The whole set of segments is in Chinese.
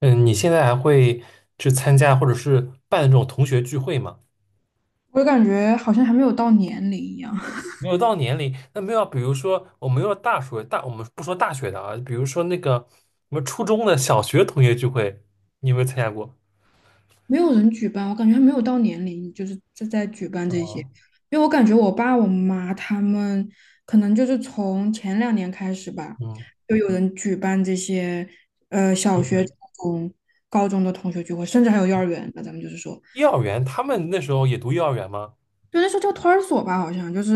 嗯，你现在还会去参加或者是办这种同学聚会吗？我感觉好像还没有到年龄一样，没有到年龄，那没有，比如说我们要大学大，我们不说大学的啊，比如说那个我们初中的、小学同学聚会，你有没有参加过？没有人举办，我感觉还没有到年龄，就是在举办这些。啊，因为我感觉我爸我妈他们可能就是从前2年开始吧，嗯，就有人举办这些，聚小学、会。初中、高中的同学聚会，甚至还有幼儿园那咱们就是说。幼儿园，他们那时候也读幼儿园吗？就那时候叫托儿所吧，好像就是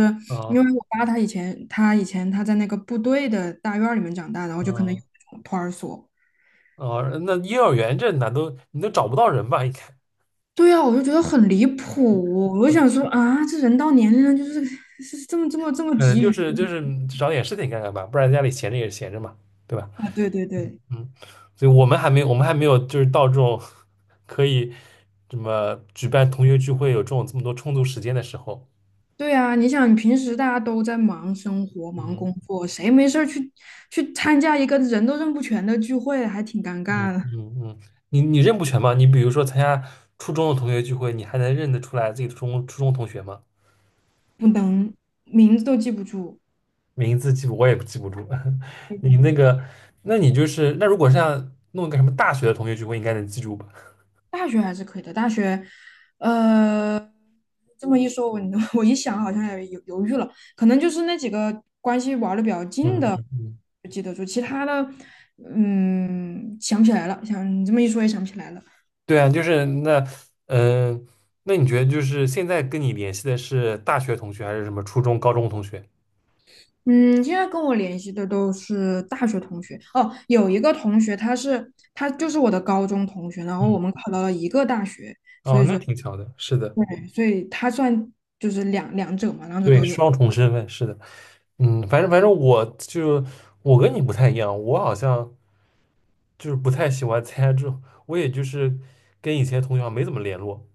因啊，为我爸他以前在那个部队的大院里面长大，然后就可能有啊，那种托儿所。哦，那幼儿园这哪都你都找不到人吧？应该，对呀，我就觉得很离谱，我就想说啊，这人到年龄了就是这么嗯，急就于是就是找点事情干干吧，不然家里闲着也是闲着嘛，对吧？啊。对对对嗯，所以我们还没有就是到这种 可以什么举办同学聚会有这种这么多充足时间的时候。对啊！你想平时大家都在忙生活、忙嗯工作，谁没事儿去参加一个人都认不全的聚会，还挺尴嗯尬的。嗯嗯，你你认不全吗？你比如说参加初中的同学聚会，你还能认得出来自己的初中同学吗？不能，名字都记不住。名字记不我也记不住。你那个，那你就是那如果是要弄个什么大学的同学聚会，应该能记住吧？大学还是可以的，大学，呃，这么一说，我 我一想好像也犹豫了，可能就是那几个关系玩的比较近嗯的嗯嗯就记得住。其他的，想不起来了，想你这么一说也想不起来了。对啊，就是那，嗯、那你觉得就是现在跟你联系的是大学同学还是什么初中、高中同学？嗯，现在跟我联系的都是大学同学哦，有一个同学他就是我的高中同学，然后嗯，我们考到了一个大学。哦，那挺巧的，是的，对，所以他算就是两者嘛，两者对，都有。双重身份，是的，嗯，反正我就我跟你不太一样，我好像就是不太喜欢参加这种，我也就是跟以前同学好像没怎么联络，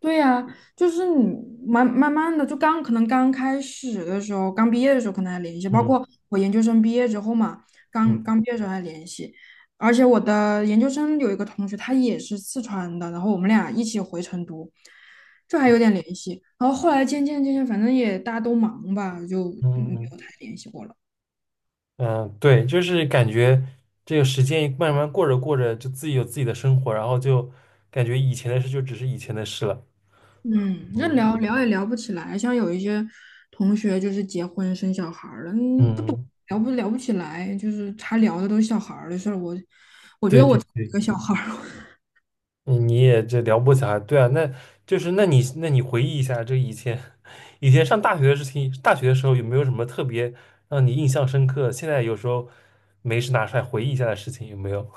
对呀，就是你慢慢的，可能刚开始的时候，刚毕业的时候可能还联系，包嗯括我研究生毕业之后嘛，刚刚嗯毕业的时候还联系。而且我的研究生有一个同学，他也是四川的，然后我们俩一起回成都，这还有点联系。然后后来渐渐，反正也大家都忙吧，就嗯没嗯有太联系过了。嗯，对，就是感觉这个时间慢慢过着过着，就自己有自己的生活，然后就感觉以前的事就只是以前的事了，嗯，那嗯。聊聊也聊不起来，像有一些同学就是结婚生小孩儿了，嗯，不懂，嗯，聊不起来，就是他聊的都是小孩儿的事儿。我觉对得我对一对，个小孩儿。嗯你也这撩拨小孩，对啊，那就是那你那你回忆一下，这以前 以前上大学的事情，大学的时候有没有什么特别让你印象深刻？现在有时候没事拿出来回忆一下的事情，有没有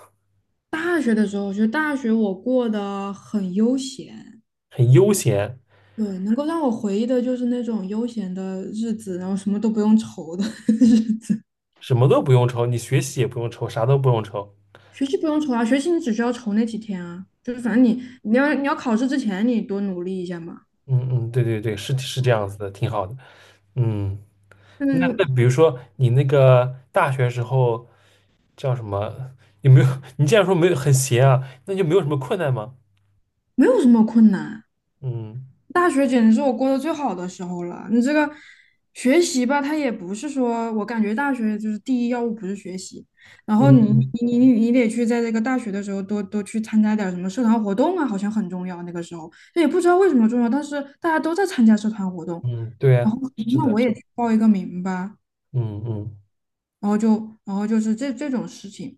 大学的时候，我觉得大学我过得很悠闲。很悠闲，对，能够让我回忆的就是那种悠闲的日子，然后什么都不用愁的 日子。什么都不用愁，你学习也不用愁，啥都不用愁。学习不用愁啊，学习你只需要愁那几天啊，就是反正你要考试之前你多努力一下嘛。嗯嗯，对对对，是是这样子的，挺好的。嗯，但那那是比如说你那个大学时候叫什么？有没有？你既然说没有很闲啊，那就没有什么困难吗？没有什么困难。嗯大学简直是我过得最好的时候了。你这个学习吧，它也不是说，我感觉大学就是第一要务不是学习。然后你嗯嗯嗯，你你你你得去在这个大学的时候多多去参加点儿什么社团活动啊，好像很重要。那个时候也不知道为什么重要，但是大家都在参加社团活动，嗯，对然啊，后是那我的，也去报一个名吧，嗯嗯，然后就是这种事情。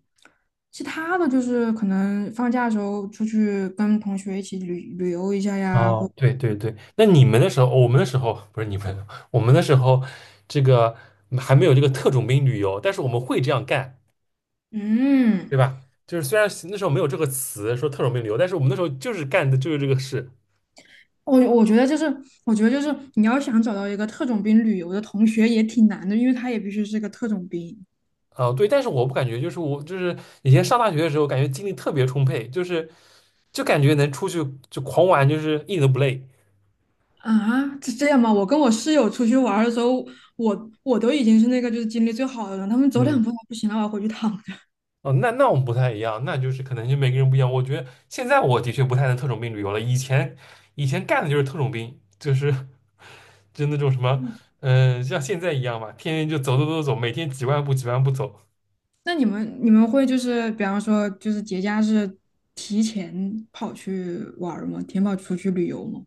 其他的就是可能放假的时候出去跟同学一起旅游一下呀，或哦，对对对，那你们的时候，哦我们的时候不是你们，我们的时候，这个还没有这个特种兵旅游，但是我们会这样干，对嗯。吧？就是虽然那时候没有这个词说特种兵旅游，但是我们那时候就是干的就是这个事。我我觉得就是，我觉得就是你要想找到一个特种兵旅游的同学也挺难的，因为他也必须是个特种兵。啊、对，但是我不感觉，就是我就是以前上大学的时候，感觉精力特别充沛，就是就感觉能出去就狂玩，就是一点都不累。啊，是这样吗？我跟我室友出去玩儿的时候，我都已经是那个就是精力最好的人，他们走两步不行了，我要回去躺着。哦，那那我们不太一样，那就是可能就每个人不一样。我觉得现在我的确不太能特种兵旅游了，以前以前干的就是特种兵，就是就那种什么，嗯，嗯、像现在一样嘛，天天就走走走走，每天几万步几万步走。那你们会就是比方说就是节假日提前跑去玩儿吗？提前跑出去旅游吗？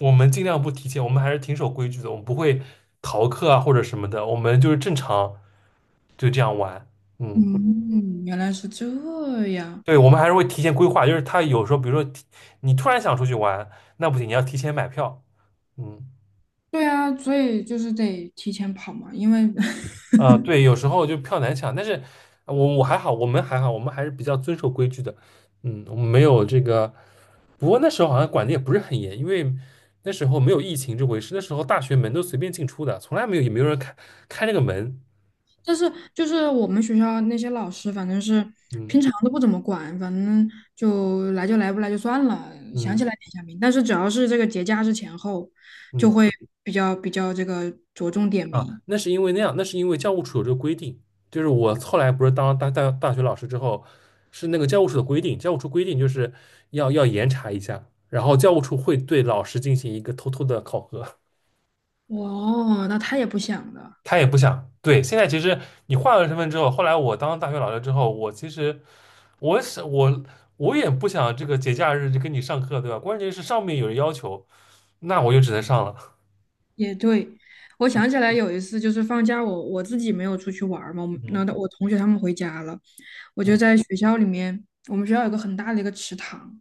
我们尽量不提前，我们还是挺守规矩的，我们不会逃课啊或者什么的，我们就是正常就这样玩。嗯，嗯，原来是这样。对，我们还是会提前规划，就是他有时候比如说提你突然想出去玩，那不行，你要提前买票。嗯。对啊，所以就是得提前跑嘛，因为 啊，对，有时候就票难抢，但是我我还好，我们还好，我们还是比较遵守规矩的。嗯，我们没有这个，不过那时候好像管的也不是很严，因为那时候没有疫情这回事，那时候大学门都随便进出的，从来没有也没有人开开那个门。但是就是我们学校那些老师，反正是平嗯常都不怎么管，反正就来就来，不来就算了，想嗯起来点下名。但是只要是这个节假日前后，就嗯，会比较这个着重点啊，名。那是因为那样，那是因为教务处有这个规定，就是我后来不是当大大大学老师之后，是那个教务处的规定，教务处规定就是要要严查一下，然后教务处会对老师进行一个偷偷的考核。哦，那他也不想的，他也不想。对，现在其实你换了身份之后，后来我当大学老师之后，我其实我是我我也不想这个节假日就跟你上课，对吧？关键是上面有人要求，那我就只能上了。也对。我想起来有一次，就是放假我自己没有出去玩儿嘛，我们那嗯我同学他们回家了，我就嗯在学校里面，我们学校有个很大的一个池塘，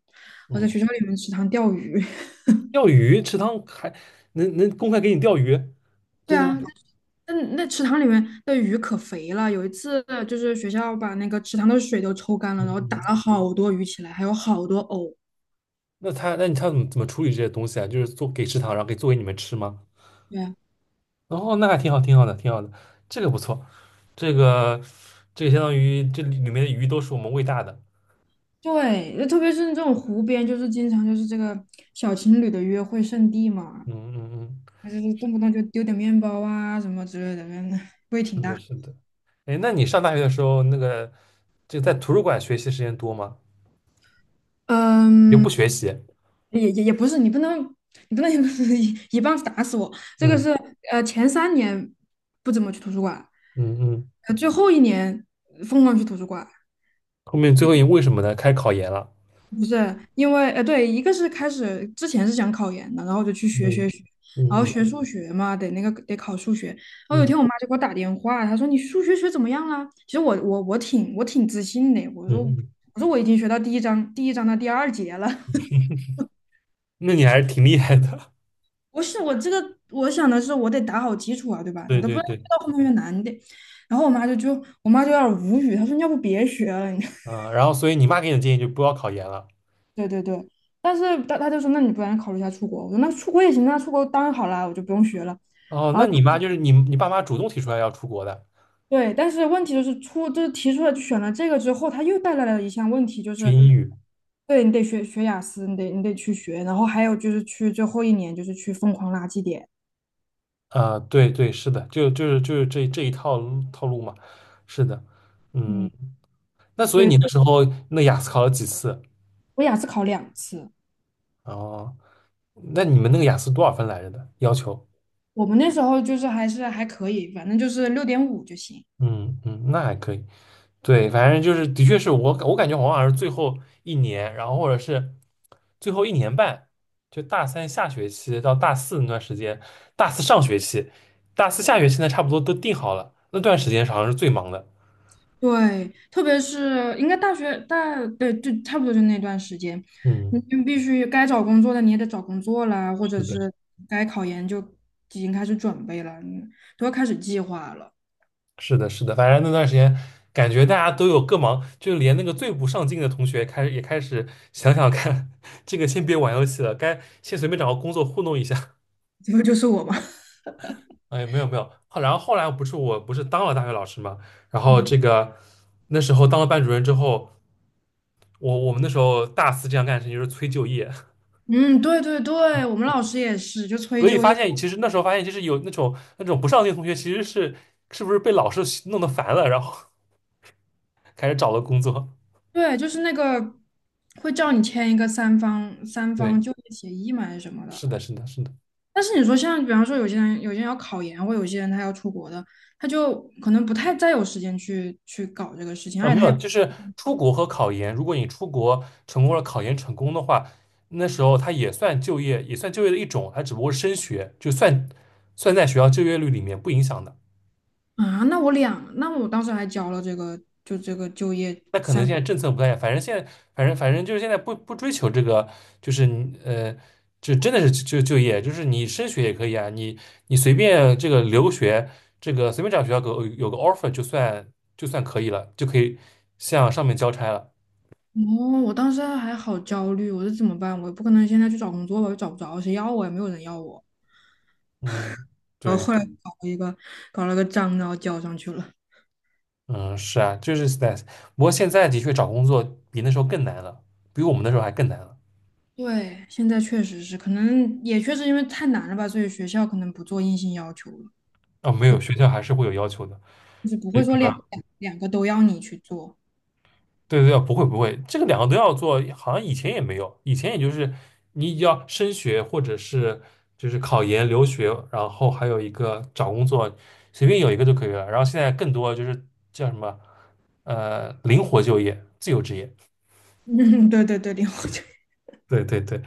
我在嗯，学校里面池塘钓鱼。钓鱼池塘还能能公开给你钓鱼，对真的啊，吗？那池塘里面的鱼可肥了。有一次，就是学校把那个池塘的水都抽干了，嗯然后打嗯，了好多鱼起来，还有好多藕。那他那你他怎么怎么处理这些东西啊？就是做给池塘，然后给做给你们吃吗？对哦，那还挺好，挺好的，挺好的，这个不错，这个这个相当于这里里面的鱼都是我们喂大的。对，就特别是这种湖边，就是经常就是这个小情侣的约会圣地嘛，嗯嗯嗯，就是动不动就丢点面包啊什么之类的，味是挺的，大。是的。哎，那你上大学的时候，那个就在图书馆学习时间多吗？你就不嗯，学习？也不是，你不能，你不能 一棒子打死我。这个嗯是前3年不怎么去图书馆，嗯嗯。最后一年疯狂去图书馆。后面最后因为什么呢？开始考研了。不是因为对，一个是开始之前是想考研的，然后就去学嗯学学，然嗯后嗯学数学嘛，得那个得考数学。然后有一嗯天我妈就给我打电话，她说你数学学怎么样了？其实我挺自信的，我嗯说嗯。我说我已经学到第一章的第二节了。那你还是挺厉害的。不是我这个，我想的是我得打好基础啊，对 吧？对你都不对道，越对。到后面越难，你得。然后我妈就有点无语，她说你要不别学了，你 啊，然后所以你妈给你的建议就不要考研了。对对对。但是她就说那你不然考虑一下出国，我说那出国也行，那出国当然好啦，我就不用学了。哦，然那后你妈就是你你爸妈主动提出来要出国的，对，但是问题就是就是提出来就选了这个之后，它又带来了一项问题，就学是英语。对你得学雅思，你得去学，然后还有就是去最后一年就是去疯狂拉绩点。啊、对对，是的，就是这这一套路套路嘛。是的。嗯。嗯，那所以你那对，时候那雅思考了几次？我雅思考2次。哦，那你们那个雅思多少分来着的要求？我们那时候就是还是还可以，反正就是6.5就行。嗯嗯，那还可以。对，反正就是的确是我我感觉我好像是最后一年，然后或者是最后一年半，就大三下学期到大四那段时间，大四上学期，大四下学期呢，差不多都定好了。那段时间好像是最忙的。对，特别是应该大学大，对，就差不多就那段时间，你嗯，就必须该找工作的你也得找工作啦，或者是的。是该考研就已经开始准备了，你都要开始计划了。是的，是的，反正那段时间感觉大家都有各忙，就连那个最不上进的同学开始也开始想想看，这个先别玩游戏了，该先随便找个工作糊弄一下。这不就是我吗？哎，没有没有，后然后后来不是我不是当了大学老师嘛，然 后嗯，这个那时候当了班主任之后，我我们那时候大四这样干的事情就是催就业，嗯对对对，我们老师也是，就 催所以就发业。现其实那时候发现就是有那种那种不上进的同学其实是是不是被老师弄得烦了，然后 开始找了工作。对，就是那个会叫你签一个三方三对，方就业协议嘛，还是什么的。是的，是的，是的。但是你说像，比方说有些人要考研，或有些人他要出国的，他就可能不太再有时间去搞这个事情，啊，而没且他有，也。就是出国和考研。如果你出国成功了，考研成功的话，那时候它也算就业，也算就业的一种，它只不过是升学，就算算在学校就业率里面不影响的。啊，那我两，那我当时还交了这个，就这个就业。那可能现在政策不太反正现在，反正就是现在不追求这个，就是你就真的是就就业，就是你升学也可以啊，你你随便这个留学，这个随便找学校给我有个 offer 就算就算可以了，就可以向上面交差了。哦，我当时还好焦虑，我说怎么办？我不可能现在去找工作吧，又找不着，谁要我也没有人要我。嗯，然后对。后来搞了个章，然后交上去了。嗯，是啊，就是 stress。不过现在的确找工作比那时候更难了，比我们那时候还更难了。对，现在确实是，可能也确实因为太难了吧，所以学校可能不做硬性要求了，啊、没就有，学校还是会有要求的。就是不这会说个，两个都要你去做。对对对，不会不会，这个两个都要做，好像以前也没有，以前也就是你要升学或者是就是考研、留学，然后还有一个找工作，随便有一个就可以了。然后现在更多就是叫什么灵活就业、自由职业。嗯，对对对，零花钱对对对，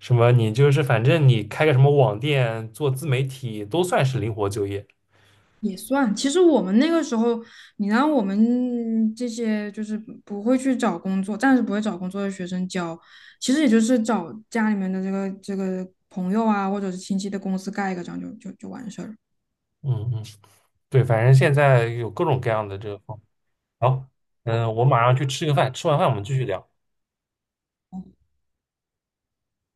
什么你就是反正你开个什么网店、做自媒体都算是灵活就业。也算。其实我们那个时候，你让我们这些就是不会去找工作，暂时不会找工作的学生交，其实也就是找家里面的这个朋友啊，或者是亲戚的公司盖一个章就完事儿了。嗯嗯，对，反正现在有各种各样的这个方。好，嗯，我马上去吃个饭，吃完饭我们继续聊。